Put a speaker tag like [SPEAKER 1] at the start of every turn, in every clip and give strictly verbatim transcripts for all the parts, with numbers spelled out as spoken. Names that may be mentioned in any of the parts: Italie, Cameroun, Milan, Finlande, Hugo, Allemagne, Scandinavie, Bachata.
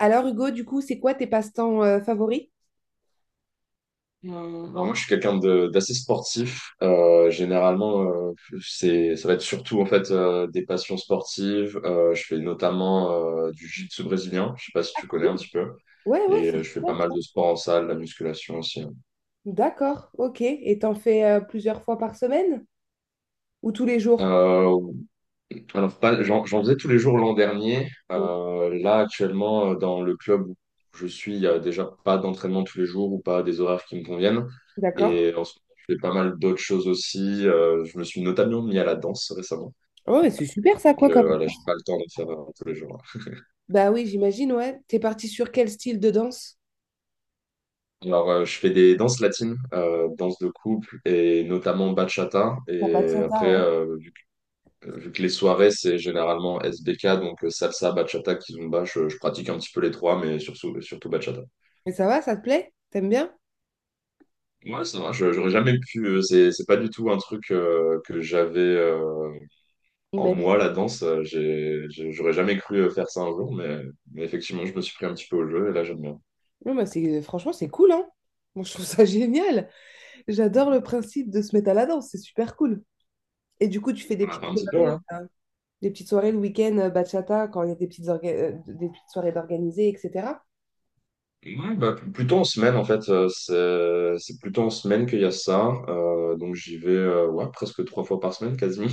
[SPEAKER 1] Alors, Hugo, du coup, c'est quoi tes passe-temps euh, favoris?
[SPEAKER 2] Euh, alors moi, je suis quelqu'un de- d'assez sportif. Euh, généralement, euh, c'est, ça va être surtout en fait euh, des passions sportives. Euh, je fais notamment euh, du jiu-jitsu brésilien. Je sais pas si tu connais un petit peu.
[SPEAKER 1] Ouais, ouais,
[SPEAKER 2] Et
[SPEAKER 1] c'est
[SPEAKER 2] euh, je fais pas
[SPEAKER 1] super
[SPEAKER 2] mal
[SPEAKER 1] ça.
[SPEAKER 2] de sport en salle, la musculation aussi.
[SPEAKER 1] D'accord, ok. Et t'en fais euh, plusieurs fois par semaine ou tous les jours?
[SPEAKER 2] Euh, alors pas, j'en, j'en faisais tous les jours l'an dernier.
[SPEAKER 1] Mhm.
[SPEAKER 2] Euh, là, actuellement, euh, dans le club où je suis, il y a déjà pas d'entraînement tous les jours ou pas des horaires qui me conviennent.
[SPEAKER 1] D'accord.
[SPEAKER 2] Et en ce moment, je fais pas mal d'autres choses aussi. Euh, je me suis notamment mis à la danse récemment.
[SPEAKER 1] Oh, mais c'est super ça,
[SPEAKER 2] Donc
[SPEAKER 1] quoi,
[SPEAKER 2] euh,
[SPEAKER 1] comme.
[SPEAKER 2] voilà, j'ai pas le temps de faire euh, tous les jours.
[SPEAKER 1] Bah oui, j'imagine, ouais. T'es parti sur quel style de danse?
[SPEAKER 2] Alors euh, je fais des danses latines, euh, danses de couple et notamment bachata.
[SPEAKER 1] Pour
[SPEAKER 2] Et
[SPEAKER 1] Bachata,
[SPEAKER 2] après,
[SPEAKER 1] ouais.
[SPEAKER 2] euh, vu que, vu que les soirées c'est généralement S B K, donc euh, salsa, bachata, kizomba, je, je pratique un petit peu les trois, mais surtout surtout bachata.
[SPEAKER 1] Et ça va, ça te plaît? T'aimes bien?
[SPEAKER 2] Ouais, ça va. je- J'aurais jamais pu. euh, c'est c'est pas du tout un truc euh, que j'avais euh, en
[SPEAKER 1] Imagine.
[SPEAKER 2] moi, la danse. Euh, J'ai, j'ai- j'aurais jamais cru euh, faire ça un jour, mais, mais effectivement, je me suis pris un petit peu au jeu et là j'aime bien.
[SPEAKER 1] Non, mais c'est franchement, c'est cool, hein? Moi, je trouve ça génial. J'adore le principe de se mettre à la danse, c'est super cool. Et du coup, tu fais des
[SPEAKER 2] On a fait
[SPEAKER 1] petites
[SPEAKER 2] un petit peu,
[SPEAKER 1] soirées,
[SPEAKER 2] ouais.
[SPEAKER 1] euh, des petites soirées le week-end, euh, bachata, quand il y a des petites, orga- euh, des petites soirées d'organiser, et cetera.
[SPEAKER 2] Ouais, bah, pl- plutôt en semaine en fait, euh, c'est c'est plutôt en semaine qu'il y a ça. Euh, donc j'y vais euh, ouais, presque trois fois par semaine quasiment.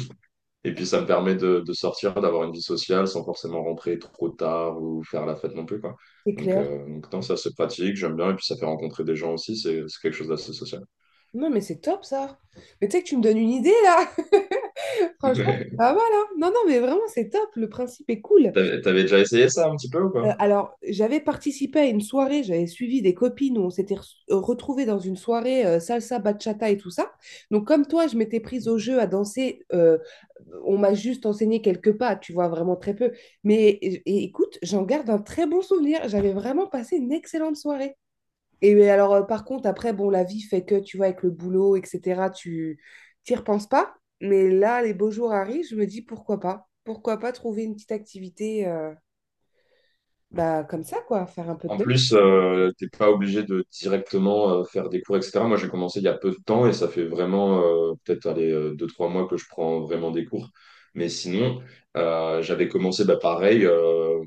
[SPEAKER 2] Et puis ça me permet de, de sortir, d'avoir une vie sociale sans forcément rentrer trop tard ou faire la fête non plus quoi.
[SPEAKER 1] C'est
[SPEAKER 2] Donc,
[SPEAKER 1] clair.
[SPEAKER 2] euh, donc non, ça c'est pratique, j'aime bien et puis ça fait rencontrer des gens aussi, c'est c'est quelque chose d'assez social.
[SPEAKER 1] Non, mais c'est top ça. Mais tu sais que tu me donnes une idée là. Franchement, c'est
[SPEAKER 2] Mais,
[SPEAKER 1] pas mal, hein. Non, non, mais vraiment, c'est top. Le principe est cool.
[SPEAKER 2] T'avais t'avais déjà essayé ça un petit peu ou
[SPEAKER 1] Euh,
[SPEAKER 2] pas?
[SPEAKER 1] alors, j'avais participé à une soirée, j'avais suivi des copines où on s'était re- euh, retrouvées dans une soirée euh, salsa, bachata et tout ça. Donc, comme toi, je m'étais prise au jeu à danser. Euh, on m'a juste enseigné quelques pas, tu vois, vraiment très peu. Mais et- et écoute, j'en garde un très bon souvenir. J'avais vraiment passé une excellente soirée. Et euh, alors, euh, par contre, après, bon, la vie fait que, tu vois, avec le boulot, et cetera, tu t'y repenses pas. Mais là, les beaux jours arrivent, je me dis pourquoi pas? Pourquoi pas trouver une petite activité, euh, bah, comme ça, quoi, faire un peu de
[SPEAKER 2] En
[SPEAKER 1] danse.
[SPEAKER 2] plus, euh, t'es pas obligé de directement euh, faire des cours, et cetera. Moi, j'ai commencé il y a peu de temps et ça fait vraiment euh, peut-être allez, euh, deux, trois mois que je prends vraiment des cours. Mais sinon, euh, j'avais commencé bah, pareil. euh,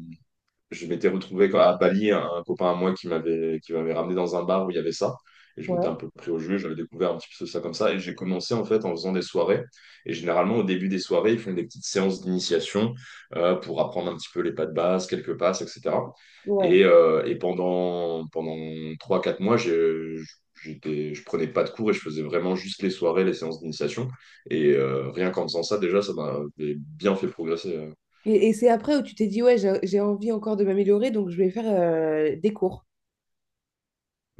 [SPEAKER 2] Je m'étais retrouvé quand- à Bali, un, un copain à moi qui m'avait qui m'avait ramené dans un bar où il y avait ça. Et je m'étais un
[SPEAKER 1] Ouais.
[SPEAKER 2] peu pris au jeu, j'avais découvert un petit peu ça comme ça. Et j'ai commencé en fait en faisant des soirées. Et généralement, au début des soirées, ils font des petites séances d'initiation euh, pour apprendre un petit peu les pas de base, quelques passes, et cetera.
[SPEAKER 1] Ouais.
[SPEAKER 2] Et, euh, et pendant, pendant trois quatre mois, je j'étais, je prenais pas de cours et je faisais vraiment juste les soirées, les séances d'initiation. Et euh, rien qu'en faisant ça, déjà, ça m'a bien fait progresser. euh,
[SPEAKER 1] Et, et c'est après où tu t'es dit, ouais, j'ai j'ai envie encore de m'améliorer, donc je vais faire euh, des cours.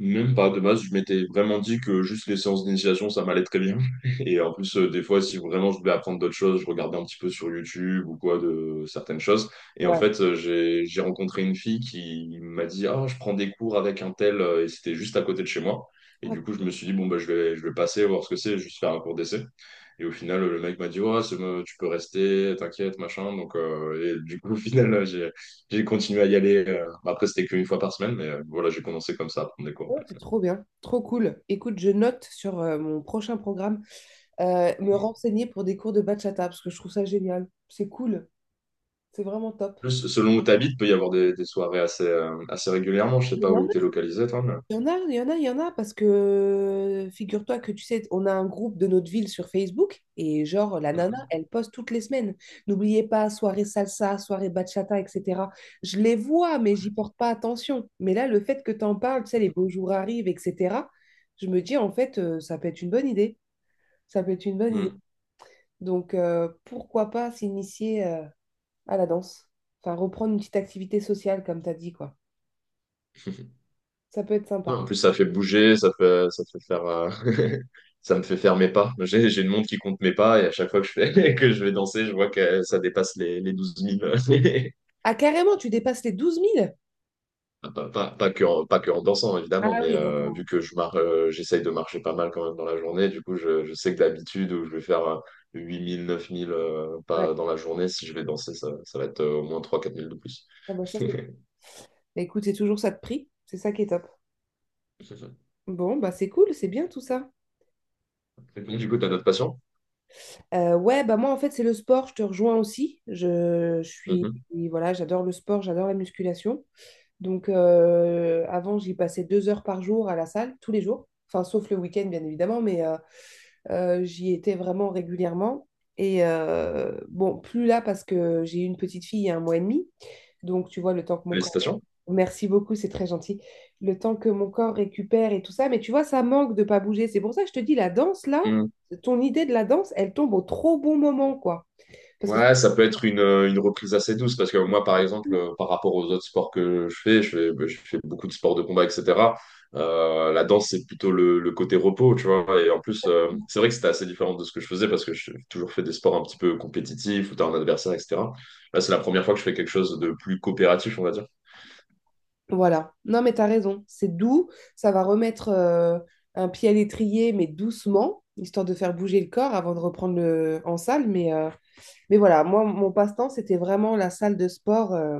[SPEAKER 2] Même pas de base, je m'étais vraiment dit que juste les séances d'initiation, ça m'allait très bien. Et en plus, euh, des fois, si vraiment je voulais apprendre d'autres choses, je regardais un petit peu sur YouTube ou quoi de certaines choses. Et en
[SPEAKER 1] Ouais.
[SPEAKER 2] fait, euh, j'ai j'ai rencontré une fille qui m'a dit : « Ah, je prends des cours avec un tel », euh, et c'était juste à côté de chez moi. Et du coup,
[SPEAKER 1] Ah,
[SPEAKER 2] je me suis dit, bon, bah, je vais, je vais passer, voir ce que c'est, juste faire un cours d'essai. Et au final, le mec m'a dit, ouais, c'est bon, tu peux rester, t'inquiète, machin. Donc, euh, et du coup, au final, j'ai j'ai continué à y aller. Euh, bah, après, c'était qu'une fois par semaine, mais euh, voilà, j'ai commencé comme ça à prendre des cours,
[SPEAKER 1] ouais, c'est
[SPEAKER 2] ouais.
[SPEAKER 1] trop bien, trop cool. Écoute, je note sur euh, mon prochain programme euh, me renseigner pour des cours de bachata parce que je trouve ça génial. C'est cool, c'est vraiment top.
[SPEAKER 2] Plus, selon où tu habites, peut y avoir des, des soirées assez, euh, assez régulièrement. Je sais pas où tu es localisé, toi, mais...
[SPEAKER 1] Il y en a, il y en a, il y en a, parce que euh, figure-toi que tu sais, on a un groupe de notre ville sur Facebook et genre la nana,
[SPEAKER 2] Mhm.
[SPEAKER 1] elle poste toutes les semaines. N'oubliez pas, soirée salsa, soirée bachata, et cetera. Je les vois, mais j'y porte pas attention. Mais là, le fait que t'en parles, tu sais, les beaux jours arrivent, et cetera, je me dis en fait, euh, ça peut être une bonne idée. Ça peut être une bonne idée.
[SPEAKER 2] Mm.
[SPEAKER 1] Donc, euh, pourquoi pas s'initier euh, à la danse? Enfin, reprendre une petite activité sociale, comme t'as dit, quoi. Ça peut être
[SPEAKER 2] Non,
[SPEAKER 1] sympa.
[SPEAKER 2] en plus, ça fait bouger, ça fait, ça fait faire, euh, ça me fait faire mes pas. J'ai, j'ai une montre qui compte mes pas et à chaque fois que je fais, que je vais danser, je vois que ça dépasse les, les douze mille.
[SPEAKER 1] Ah, carrément, tu dépasses les douze mille.
[SPEAKER 2] Ah, Pas, pas, pas que en, pas que en dansant, évidemment,
[SPEAKER 1] Ah
[SPEAKER 2] mais
[SPEAKER 1] oui,
[SPEAKER 2] euh,
[SPEAKER 1] d'accord,
[SPEAKER 2] vu que
[SPEAKER 1] ok.
[SPEAKER 2] je mar euh, j'essaye de marcher pas mal quand même dans la journée, du coup, je, je sais que d'habitude, où je vais faire euh, huit mille, neuf mille euh,
[SPEAKER 1] Ouais.
[SPEAKER 2] pas dans la journée, si je vais danser, ça, ça va être euh, au moins trois quatre mille de plus.
[SPEAKER 1] Ah bah ça, c'est... Bah écoute, c'est toujours ça de prix. C'est ça qui est top. Bon, bah c'est cool, c'est bien tout ça.
[SPEAKER 2] Du coup, tu as d'autres passions?
[SPEAKER 1] Euh, ouais, bah moi en fait, c'est le sport, je te rejoins aussi. Je, je suis,
[SPEAKER 2] Mhm.
[SPEAKER 1] voilà, j'adore le sport, j'adore la musculation. Donc euh, avant, j'y passais deux heures par jour à la salle, tous les jours. Enfin, sauf le week-end, bien évidemment, mais euh, euh, j'y étais vraiment régulièrement. Et euh, bon, plus là parce que j'ai eu une petite fille il y a un mois et demi. Donc, tu vois, le temps que mon corps...
[SPEAKER 2] Félicitations.
[SPEAKER 1] Merci beaucoup, c'est très gentil. Le temps que mon corps récupère et tout ça, mais tu vois, ça manque de pas bouger. C'est pour ça que je te dis, la danse, là, ton idée de la danse, elle tombe au trop bon moment, quoi. Parce que,
[SPEAKER 2] Ouais, ça peut être une, euh, une reprise assez douce parce que moi, par exemple, euh, par rapport aux autres sports que je fais, je fais, bah, je fais beaucoup de sports de combat, et cetera. Euh, la danse, c'est plutôt le, le côté repos, tu vois. Et en plus, euh, c'est vrai que c'était assez différent de ce que je faisais parce que j'ai toujours fait des sports un petit peu compétitifs où t'as un adversaire, et cetera. Là, c'est la première fois que je fais quelque chose de plus coopératif, on va dire.
[SPEAKER 1] voilà. Non, mais t'as raison. C'est doux, ça va remettre euh, un pied à l'étrier, mais doucement, histoire de faire bouger le corps avant de reprendre le... en salle. Mais, euh, mais voilà, moi, mon passe-temps, c'était vraiment la salle de sport. euh,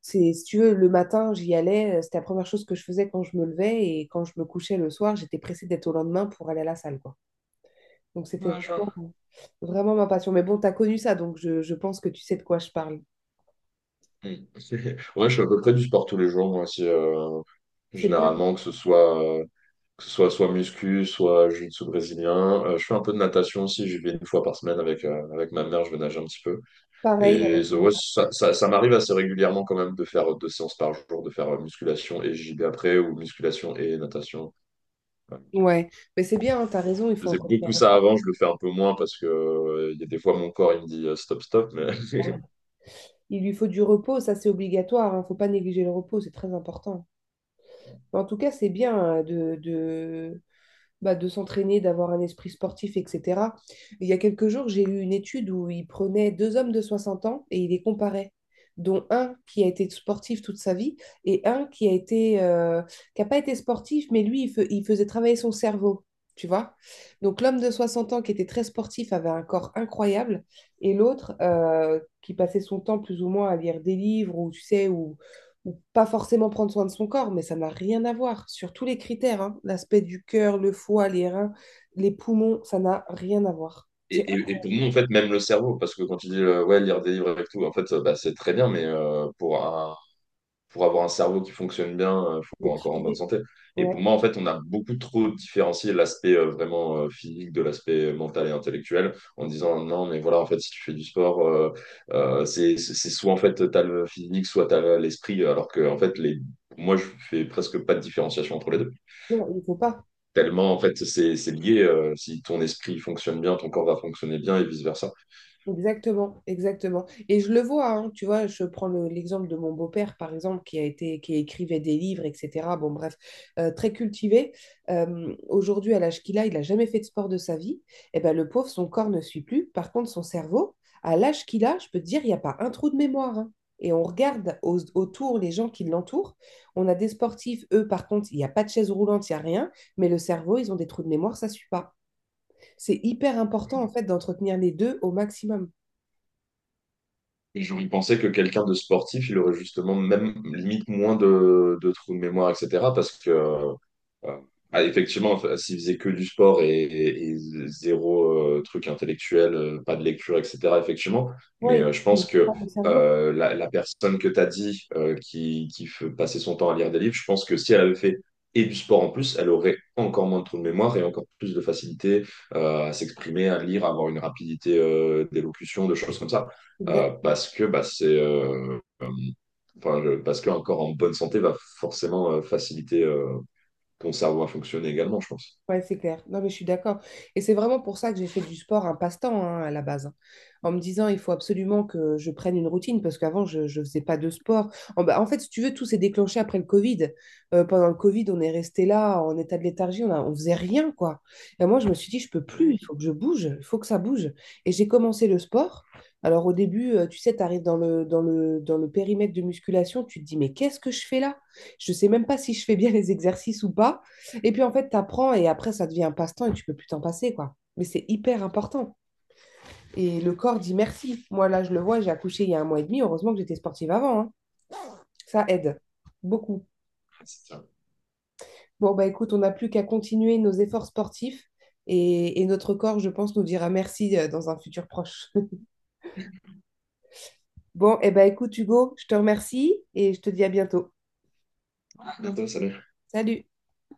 [SPEAKER 1] C'est, si tu veux, le matin, j'y allais, euh, c'était la première chose que je faisais quand je me levais et quand je me couchais le soir, j'étais pressée d'être au lendemain pour aller à la salle, quoi. Donc c'était
[SPEAKER 2] Ouais, je vois.
[SPEAKER 1] vraiment, vraiment ma passion. Mais bon, tu as connu ça, donc je, je pense que tu sais de quoi je parle.
[SPEAKER 2] Mm. Ouais, je fais à peu près du sport tous les jours, moi aussi, euh,
[SPEAKER 1] C'est bien
[SPEAKER 2] généralement, que ce soit. euh, que ce soit soit muscu, soit jiu-jitsu brésilien. Euh, je fais un peu de natation aussi, j'y vais une fois par semaine avec, euh, avec ma mère, je vais nager un petit peu.
[SPEAKER 1] pareil
[SPEAKER 2] Et
[SPEAKER 1] avec mon
[SPEAKER 2] so- ouais,
[SPEAKER 1] mari.
[SPEAKER 2] ça, ça, ça m'arrive assez régulièrement quand même de faire euh, deux séances par jour, de faire euh, musculation et J B après, ou musculation et natation. Ouais.
[SPEAKER 1] Ouais, mais c'est bien, hein, tu as raison, il
[SPEAKER 2] Je
[SPEAKER 1] faut
[SPEAKER 2] faisais
[SPEAKER 1] entretenir
[SPEAKER 2] beaucoup
[SPEAKER 1] le
[SPEAKER 2] ça avant, je le fais un peu moins parce que euh, il y a des fois mon corps il me dit euh, stop, stop. Mais...
[SPEAKER 1] travail. Il lui faut du repos, ça c'est obligatoire, il faut pas négliger le repos, c'est très important. Mais en tout cas, c'est bien euh, de, de, bah, de s'entraîner, d'avoir un esprit sportif, et cetera. Il y a quelques jours, j'ai lu une étude où il prenait deux hommes de soixante ans et il les comparait, dont un qui a été sportif toute sa vie et un qui a été euh, qui n'a pas été sportif, mais lui, il, fe- il faisait travailler son cerveau. Tu vois? Donc l'homme de soixante ans qui était très sportif avait un corps incroyable et l'autre euh, qui passait son temps plus ou moins à lire des livres ou tu sais ou pas forcément prendre soin de son corps, mais ça n'a rien à voir sur tous les critères, hein. L'aspect du cœur, le foie, les reins, les poumons, ça n'a rien à voir.
[SPEAKER 2] Et,
[SPEAKER 1] C'est un
[SPEAKER 2] et, et pour nous, en fait, même le cerveau, parce que quand tu dis euh, ouais, lire des livres avec tout, en fait, euh, bah, c'est très bien, mais euh, pour un pour avoir un cerveau qui fonctionne bien, il
[SPEAKER 1] qui
[SPEAKER 2] faut encore en bonne
[SPEAKER 1] privé.
[SPEAKER 2] santé. Et
[SPEAKER 1] Ouais.
[SPEAKER 2] pour moi, en fait, on a beaucoup trop différencié l'aspect euh, vraiment euh, physique de l'aspect euh, mental et intellectuel en disant non, mais voilà, en fait, si tu fais du sport, euh, euh, c'est c'est- c'est soit en fait t'as le physique, soit t'as le- l'esprit, alors que en fait, les... moi, je fais presque pas de différenciation entre les deux.
[SPEAKER 1] Non, il ne faut pas.
[SPEAKER 2] Tellement, en fait, c'est c'est lié. Euh, si ton esprit fonctionne bien, ton corps va fonctionner bien et vice-versa.
[SPEAKER 1] Exactement, exactement. Et je le vois, hein, tu vois, je prends le- l'exemple de mon beau-père, par exemple, qui a été, qui écrivait des livres, et cetera. Bon, bref, euh, très cultivé. Euh, aujourd'hui, à l'âge qu'il a, il n'a jamais fait de sport de sa vie. Et ben, le pauvre, son corps ne suit plus. Par contre, son cerveau, à l'âge qu'il a, je peux te dire, il n'y a pas un trou de mémoire, hein. Et on regarde au- autour les gens qui l'entourent. On a des sportifs, eux, par contre, il n'y a pas de chaise roulante, il n'y a rien. Mais le cerveau, ils ont des trous de mémoire, ça ne suit pas. C'est hyper important, en fait, d'entretenir les deux au maximum.
[SPEAKER 2] Et j'aurais pensé que quelqu'un de sportif, il aurait justement même limite moins de, de trous de mémoire, et cetera. Parce que euh, Euh, ah, effectivement, enfin, s'ils faisaient que du sport et, et- et zéro euh, truc intellectuel, euh, pas de lecture, et cetera, effectivement. Mais
[SPEAKER 1] Oui,
[SPEAKER 2] euh, je pense que
[SPEAKER 1] le cerveau,
[SPEAKER 2] euh, la, la personne que tu as dit euh, qui, qui f- passait son temps à lire des livres, je pense que si elle avait fait et du sport en plus, elle aurait encore moins de trous de mémoire et encore plus de facilité euh, à s'exprimer, à lire, à avoir une rapidité euh, d'élocution, de choses comme ça. Euh,
[SPEAKER 1] exactement.
[SPEAKER 2] parce que bah, c'est. Euh, euh, Enfin, le- parce qu'un corps en bonne santé va forcément euh, faciliter euh, ton cerveau va fonctionner également, je pense.
[SPEAKER 1] Ouais, c'est clair. Non, mais je suis d'accord. Et c'est vraiment pour ça que j'ai fait du sport un passe-temps, hein, à la base, hein. En me disant, il faut absolument que je prenne une routine parce qu'avant, je ne faisais pas de sport. En, bah, en fait, si tu veux, tout s'est déclenché après le Covid. Euh, pendant le Covid, on est resté là en état de léthargie, on a, on faisait rien, quoi. Et moi, je me suis dit, je peux plus, il faut que je bouge, il faut que ça bouge. Et j'ai commencé le sport. Alors au début, euh, tu sais, tu arrives dans le, dans le, dans le périmètre de musculation, tu te dis, mais qu'est-ce que je fais là? Je ne sais même pas si je fais bien les exercices ou pas. Et puis en fait, tu apprends et après, ça devient un passe-temps et tu peux plus t'en passer, quoi. Mais c'est hyper important. Et le corps dit merci. Moi, là, je le vois, j'ai accouché il y a un mois et demi. Heureusement que j'étais sportive avant, hein. Ça aide beaucoup.
[SPEAKER 2] C'est ça.
[SPEAKER 1] Bon, bah écoute, on n'a plus qu'à continuer nos efforts sportifs. Et, et notre corps, je pense, nous dira merci euh, dans un futur proche. Bon, et ben écoute, Hugo, je te remercie et je te dis à bientôt.
[SPEAKER 2] Bientôt, salut.
[SPEAKER 1] Salut!